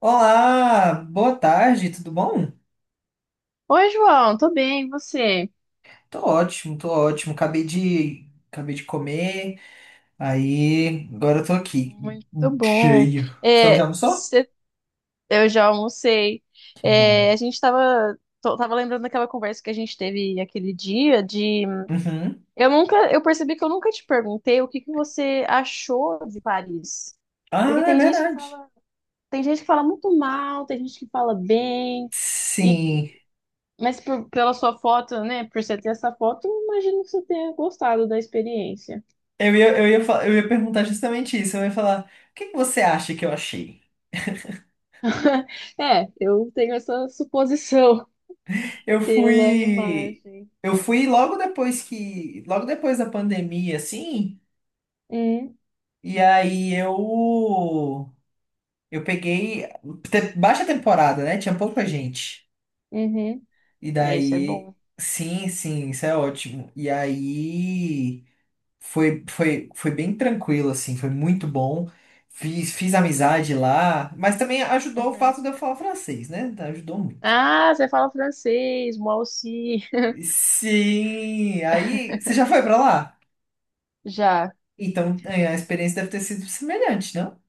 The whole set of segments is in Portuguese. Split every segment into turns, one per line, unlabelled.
Olá, boa tarde, tudo bom?
Oi, João, tô bem, e você?
Tô ótimo, tô ótimo. Acabei de comer, aí agora eu tô aqui,
Muito bom.
cheio. Você já
É,
almoçou?
cê- eu já almocei.
Que bom.
A gente tava, tava lembrando daquela conversa que a gente teve aquele dia de
Uhum.
eu percebi que eu nunca te perguntei o que que você achou de Paris. Porque
Ah, é verdade.
tem gente que fala muito mal, tem gente que fala bem. E,
Sim.
Pela sua foto, né? Por você ter essa foto, eu imagino que você tenha gostado da experiência.
Eu ia perguntar justamente isso. Eu ia falar, o que que você acha que eu achei?
É, eu tenho essa suposição.
Eu
Pela
fui,
imagem.
eu fui logo depois que, logo depois da pandemia, assim,
Hum,
e aí eu peguei baixa temporada, né? Tinha pouca gente.
uhum.
E
É, isso é
daí,
bom.
sim, sim, isso é ótimo. E aí foi bem tranquilo, assim, foi muito bom. Fiz amizade lá, mas também ajudou o
Uhum.
fato de eu falar francês, né? Então, ajudou muito.
Ah, você fala francês, moi aussi.
Sim, aí você já foi pra lá?
Já.
Então é, a experiência deve ter sido semelhante, não?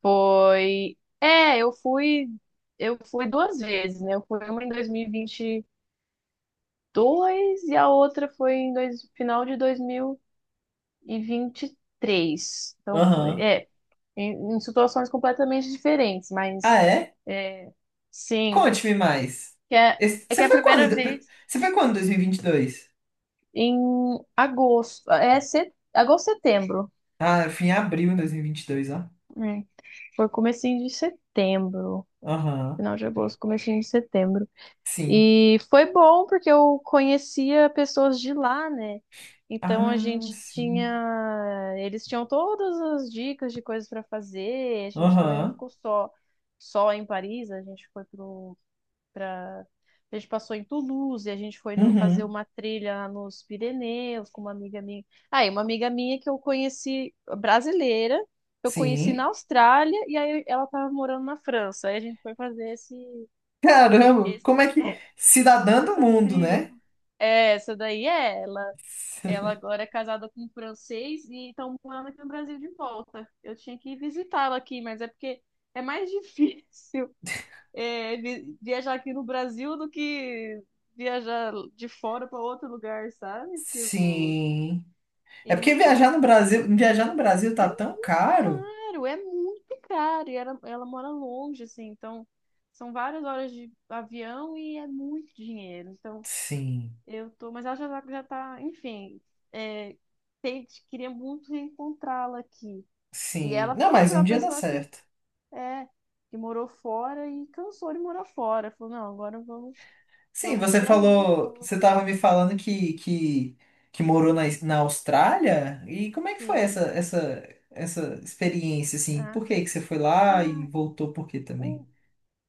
Foi. Eu fui 2 vezes, né? Eu fui uma em 2022 e a outra foi em dois, final de 2023. Então foi,
Aham.
em, em situações completamente diferentes, mas
Ah, é?
é, sim,
Conte-me mais.
que é, é que
Você
é a
foi quando?
primeira vez
Você foi quando em 2022?
em agosto. É set... agosto, setembro.
Ah, eu fui em abril de dois mil e vinte e dois, ó.
É, foi comecinho de setembro.
Aham.
Final de agosto, comecinho de setembro.
Sim.
E foi bom porque eu conhecia pessoas de lá, né? Então
Ah, sim.
eles tinham todas as dicas de coisas para fazer. A gente também não
Aham.
ficou só em Paris. A gente foi para pra... A gente passou em Toulouse, a gente foi fazer
Uhum.
uma trilha nos Pirineus com uma amiga minha. Aí, uma amiga minha que eu conheci, brasileira, que eu conheci na
Sim.
Austrália, e aí ela tava morando na França. Aí a gente foi fazer
Caramba,
esse,
como é que. Cidadã do
essa
mundo,
trilha.
né?
É, essa daí é ela. Ela agora é casada com um francês e estão morando aqui no Brasil de volta. Eu tinha que visitá-la aqui, mas é porque é mais difícil viajar aqui no Brasil do que viajar de fora para outro lugar, sabe? Tipo,
Sim. É porque
então
Viajar no Brasil tá
é
tão
muito
caro.
caro, é muito caro. E ela mora longe, assim, então são várias horas de avião e é muito dinheiro. Então
Sim.
eu tô, mas ela já tá, enfim, é, queria muito reencontrá-la aqui. E
Sim.
ela
Não,
também
mas
foi
um
uma
dia dá
pessoa que
certo.
É, que morou fora e cansou de morar fora. Falou, não,
Sim,
vamos pro
você
Brasil um
falou, você
pouco.
estava me falando que, que, que morou na Austrália? E como é que foi essa,
Sim.
essa, essa experiência, assim?
É.
Por que que você foi lá e
Ah,
voltou por quê também?
o,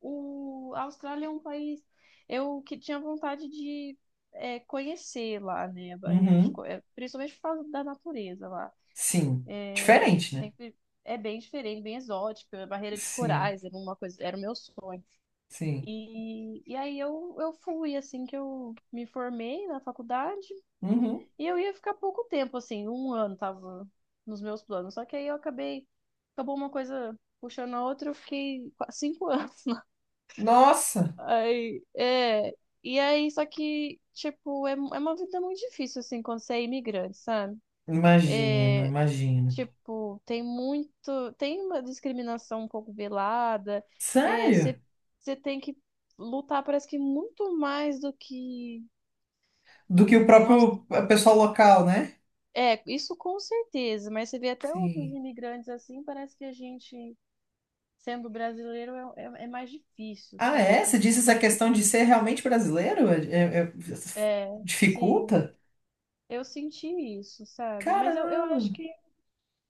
a Austrália é um país eu que tinha vontade de conhecer lá, né, a barreira de,
Uhum,
co- é, principalmente por causa da natureza lá.
sim. Diferente, né?
Sempre é bem diferente, bem exótica. A barreira de
Sim,
corais era uma coisa, era o meu sonho.
sim.
Eu fui assim que eu me formei na faculdade.
Uhum.
E eu ia ficar pouco tempo, assim, um ano tava nos meus planos. Só que aí eu acabei, acabou uma coisa puxando a outra, eu fiquei 5 anos lá.
Nossa,
Aí, é, e aí, só que, tipo, é uma vida muito difícil, assim, quando você é imigrante, sabe?
imagino, imagino.
Tipo, tem uma discriminação um pouco velada, é,
Sério?
você, você tem que lutar, parece que muito mais do que
Do que
um,
o
um aus-
próprio pessoal local, né?
É, isso com certeza, mas você vê até outros
Sim.
imigrantes assim, parece que sendo brasileiro, é mais difícil,
Ah,
sabe? As
é? Você
coisas
disse
são
essa
mais
questão de ser
difíceis.
realmente brasileiro? É- é-
É, sim,
Dificulta?
eu senti isso, sabe? Mas eu
Caramba!
acho que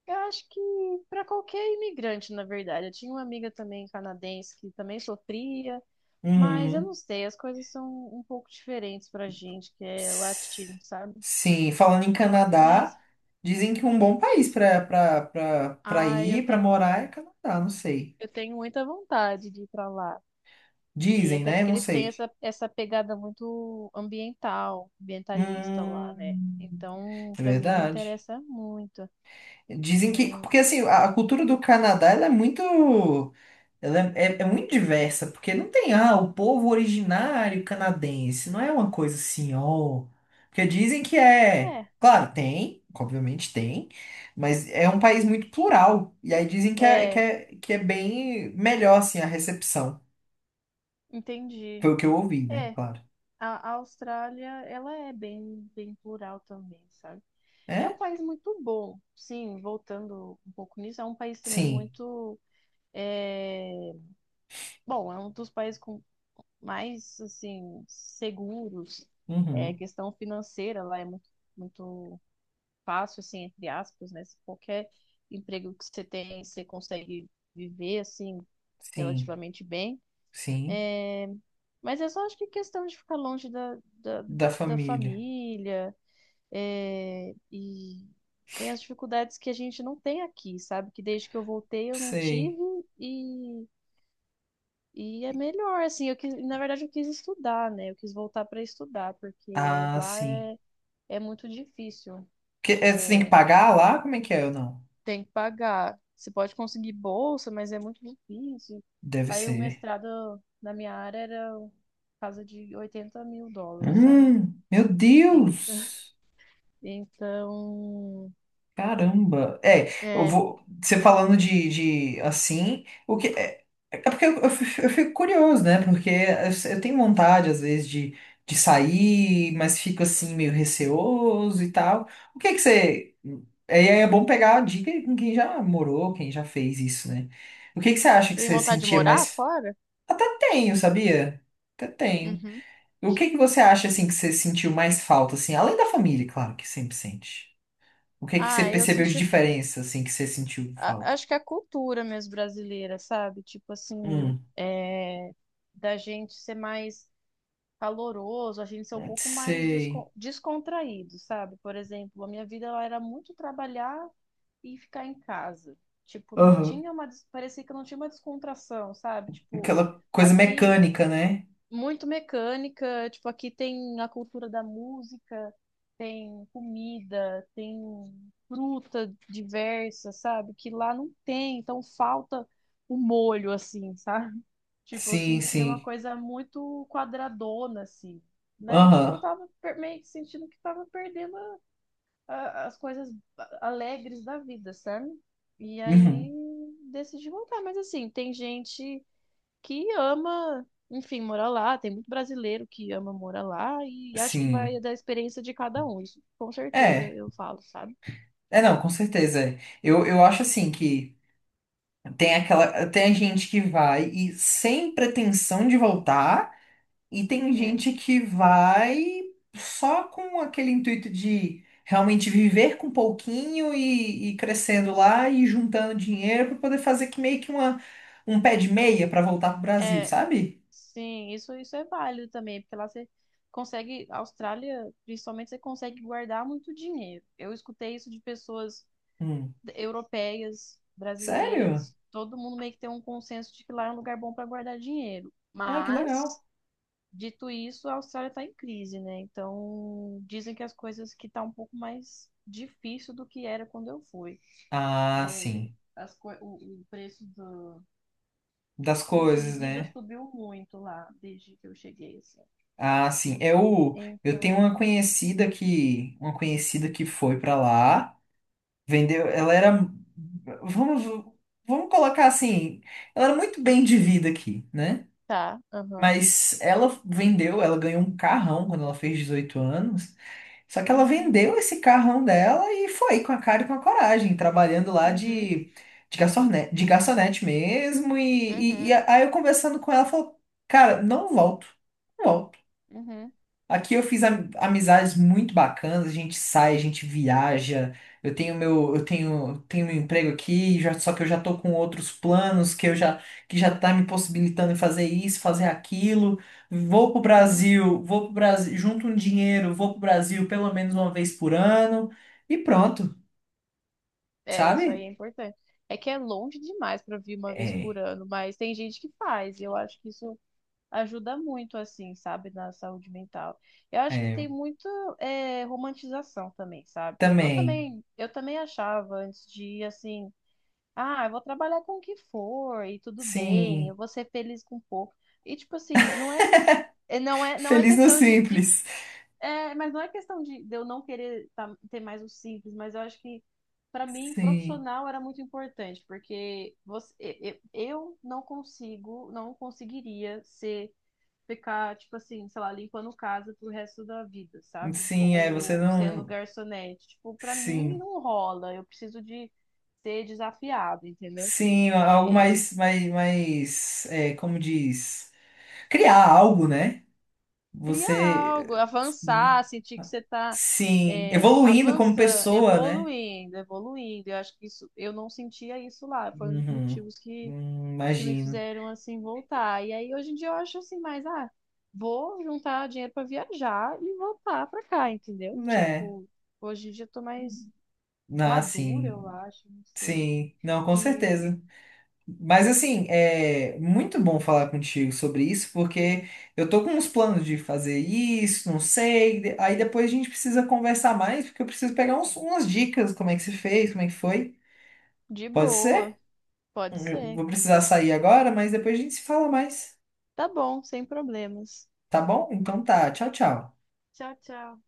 eu acho que para qualquer imigrante, na verdade, eu tinha uma amiga também canadense que também sofria, mas eu
Uhum.
não sei, as coisas são um pouco diferentes pra gente que é
S-
latino, sabe?
Sim, falando em
Mas,
Canadá, dizem que um bom país para
ai,
ir, para morar é Canadá, não sei.
eu tenho muita vontade de ir pra lá. E
Dizem,
até
né?
porque
Não
eles têm
sei.
essa pegada muito ambiental, ambientalista lá,
Hum,
né? Então,
é
pra mim, me
verdade.
interessa muito.
Dizem que, porque assim, a cultura do Canadá ela é muito. Ela é muito diversa, porque não tem, ah, o povo originário canadense, não é uma coisa assim, ó. Porque dizem que é.
É,
Claro, tem, obviamente tem, mas é um país muito plural. E aí dizem que é,
é,
que
é,
é, que é bem melhor, assim, a recepção.
entendi.
Foi o que eu ouvi, né?
É,
Claro.
a Austrália, ela é bem, bem plural também, sabe? É um
É?
país muito bom, sim, voltando um pouco nisso, é um país também
Sim.
muito, é, bom, é um dos países com mais, assim, seguros,
Uhum.
questão financeira lá é muito fácil, assim, entre aspas, né? Se qualquer emprego que você tem, você consegue viver, assim,
Sim.
relativamente bem.
Sim.
Mas é só, acho que questão de ficar longe
Da
da
família.
família, é, e tem as dificuldades que a gente não tem aqui, sabe? Que desde que eu voltei eu não
Sei.
tive e, é melhor, assim, eu quis, na verdade eu quis estudar, né? Eu quis voltar para estudar, porque
Ah,
lá
sim.
é muito difícil.
Que, é, você tem que
eh,
pagar lá? Como é que é ou não?
Tem que pagar. Você pode conseguir bolsa, mas é muito difícil.
Deve
Aí o
ser.
mestrado na minha área era casa de 80 mil dólares, sabe?
Meu
En-
Deus!
Então,
Caramba! É, eu
é.
vou. Você falando de assim, o que. É, é porque eu fico curioso, né? Porque eu tenho vontade, às vezes, de sair, mas fico assim, meio receoso e tal. O que que você. É, e aí é bom pegar a dica com quem já morou, quem já fez isso, né? O que que você acha que
Tem
você
vontade de
sentia
morar
mais.
fora?
Até tenho, sabia? Até tenho.
Uhum.
O que que você acha assim que você sentiu mais falta assim, além da família, claro que sempre sente. O que que você
Ah, eu
percebeu de
senti.
diferença assim que você sentiu falta?
Acho que é a cultura mesmo brasileira, sabe? Tipo assim,
Hum,
da gente ser mais caloroso, a gente ser um pouco mais
sei.
descontraído, sabe? Por exemplo, a minha vida ela era muito trabalhar e ficar em casa. Tipo, não
Aham.
tinha uma, des- parecia que não tinha uma descontração, sabe? Tipo,
Aquela coisa
aqui
mecânica, né?
muito mecânica, tipo, aqui tem a cultura da música, tem comida, tem fruta diversa, sabe? Que lá não tem, então falta o molho assim, sabe? Tipo, eu
Sim,
sentia uma
sim.
coisa muito quadradona assim. Né? E, tipo, eu
Aham.
tava meio que sentindo que tava perdendo as coisas alegres da vida, sabe? E
Uhum.
aí decidi voltar. Mas assim, tem gente que ama, enfim, morar lá. Tem muito brasileiro que ama morar lá. E acho que vai
Sim.
da experiência de cada um. Isso com certeza
É.
eu falo, sabe?
É, não, com certeza. É. Eu acho assim que tem aquela tem a gente que vai e sem pretensão de voltar. E tem
É.
gente que vai só com aquele intuito de realmente viver com pouquinho e crescendo lá e juntando dinheiro para poder fazer que meio que uma, um pé de meia para voltar pro Brasil,
É,
sabe?
sim, isso é válido também, porque lá você consegue, a Austrália, principalmente, você consegue guardar muito dinheiro. Eu escutei isso de pessoas
Hum.
europeias,
Sério?
brasileiras, todo mundo meio que tem um consenso de que lá é um lugar bom para guardar dinheiro.
Ah, que legal.
Mas, dito isso, a Austrália está em crise, né? Então, dizem que as coisas que tá um pouco mais difícil do que era quando eu fui.
Ah,
É,
sim.
as co- o, o preço do
Das
custo de
coisas,
vida
né?
subiu muito lá desde que eu cheguei, assim.
Ah, sim. Eu tenho
Então,
uma conhecida que foi para lá. Vendeu, ela era, vamos, vamos colocar assim, ela era muito bem de vida aqui, né?
tá, aham.
Mas ela vendeu, ela ganhou um carrão quando ela fez 18 anos. Só que ela
Uhum,
vendeu esse carrão dela e foi com a cara e com a coragem, trabalhando lá
uhum,
de garçonete mesmo. E, e
uhum,
aí eu conversando com ela, ela falou, cara, não volto, não volto.
uhum, uhum.
Aqui eu fiz amizades muito bacanas, a gente sai, a gente viaja. Eu tenho meu, eu tenho meu emprego aqui, só que eu já tô com outros planos que já tá me possibilitando em fazer isso, fazer aquilo.
Uhum.
Vou pro Brasil, junto um dinheiro, vou pro Brasil pelo menos uma vez por ano e pronto,
É, isso aí é
sabe?
importante. É que é longe demais para vir uma vez por
É,
ano, mas tem gente que faz. E eu acho que isso ajuda muito, assim, sabe, na saúde mental. Eu acho que
é,
tem muito romantização também, sabe? Tipo,
também.
eu também achava antes de ir assim, ah, eu vou trabalhar com o que for e tudo bem,
Sim.
eu vou ser feliz com pouco. E tipo assim, não é que não é
Feliz no
questão de
simples.
mas não é questão de eu não querer ter mais o simples, mas eu acho que para mim
Sim.
profissional era muito importante, porque você, eu não conseguiria ser ficar tipo assim, sei lá, limpando casa pro resto da vida, sabe?
Sim, é, você
Ou sendo
não,
garçonete, tipo, para mim
sim.
não rola. Eu preciso de ser desafiado, entendeu?
Sim, algo
É,
mais, mais, mais, é, como diz? Criar algo, né?
criar algo,
Você, sim,
avançar, sentir que você está
sim, evoluindo como
avançando,
pessoa, né?
evoluindo. Eu acho que isso, eu não sentia isso lá. Foi um dos
Uhum.
motivos que me
Imagino.
fizeram assim voltar. E aí hoje em dia eu acho assim, mas ah, vou juntar dinheiro para viajar e voltar para cá, entendeu?
Né.
Tipo, hoje em dia eu tô mais
Ah,
madura, eu
sim,
acho, não sei.
sim, não, com
E
certeza. Mas assim, é muito bom falar contigo sobre isso, porque eu tô com uns planos de fazer isso, não sei. Aí depois a gente precisa conversar mais, porque eu preciso pegar umas dicas, como é que se fez, como é que foi.
de
Pode ser?
boa, pode
Eu
ser.
vou precisar sair agora, mas depois a gente se fala mais.
Tá bom, sem problemas.
Tá bom? Então tá. Tchau, tchau.
Tchau, tchau.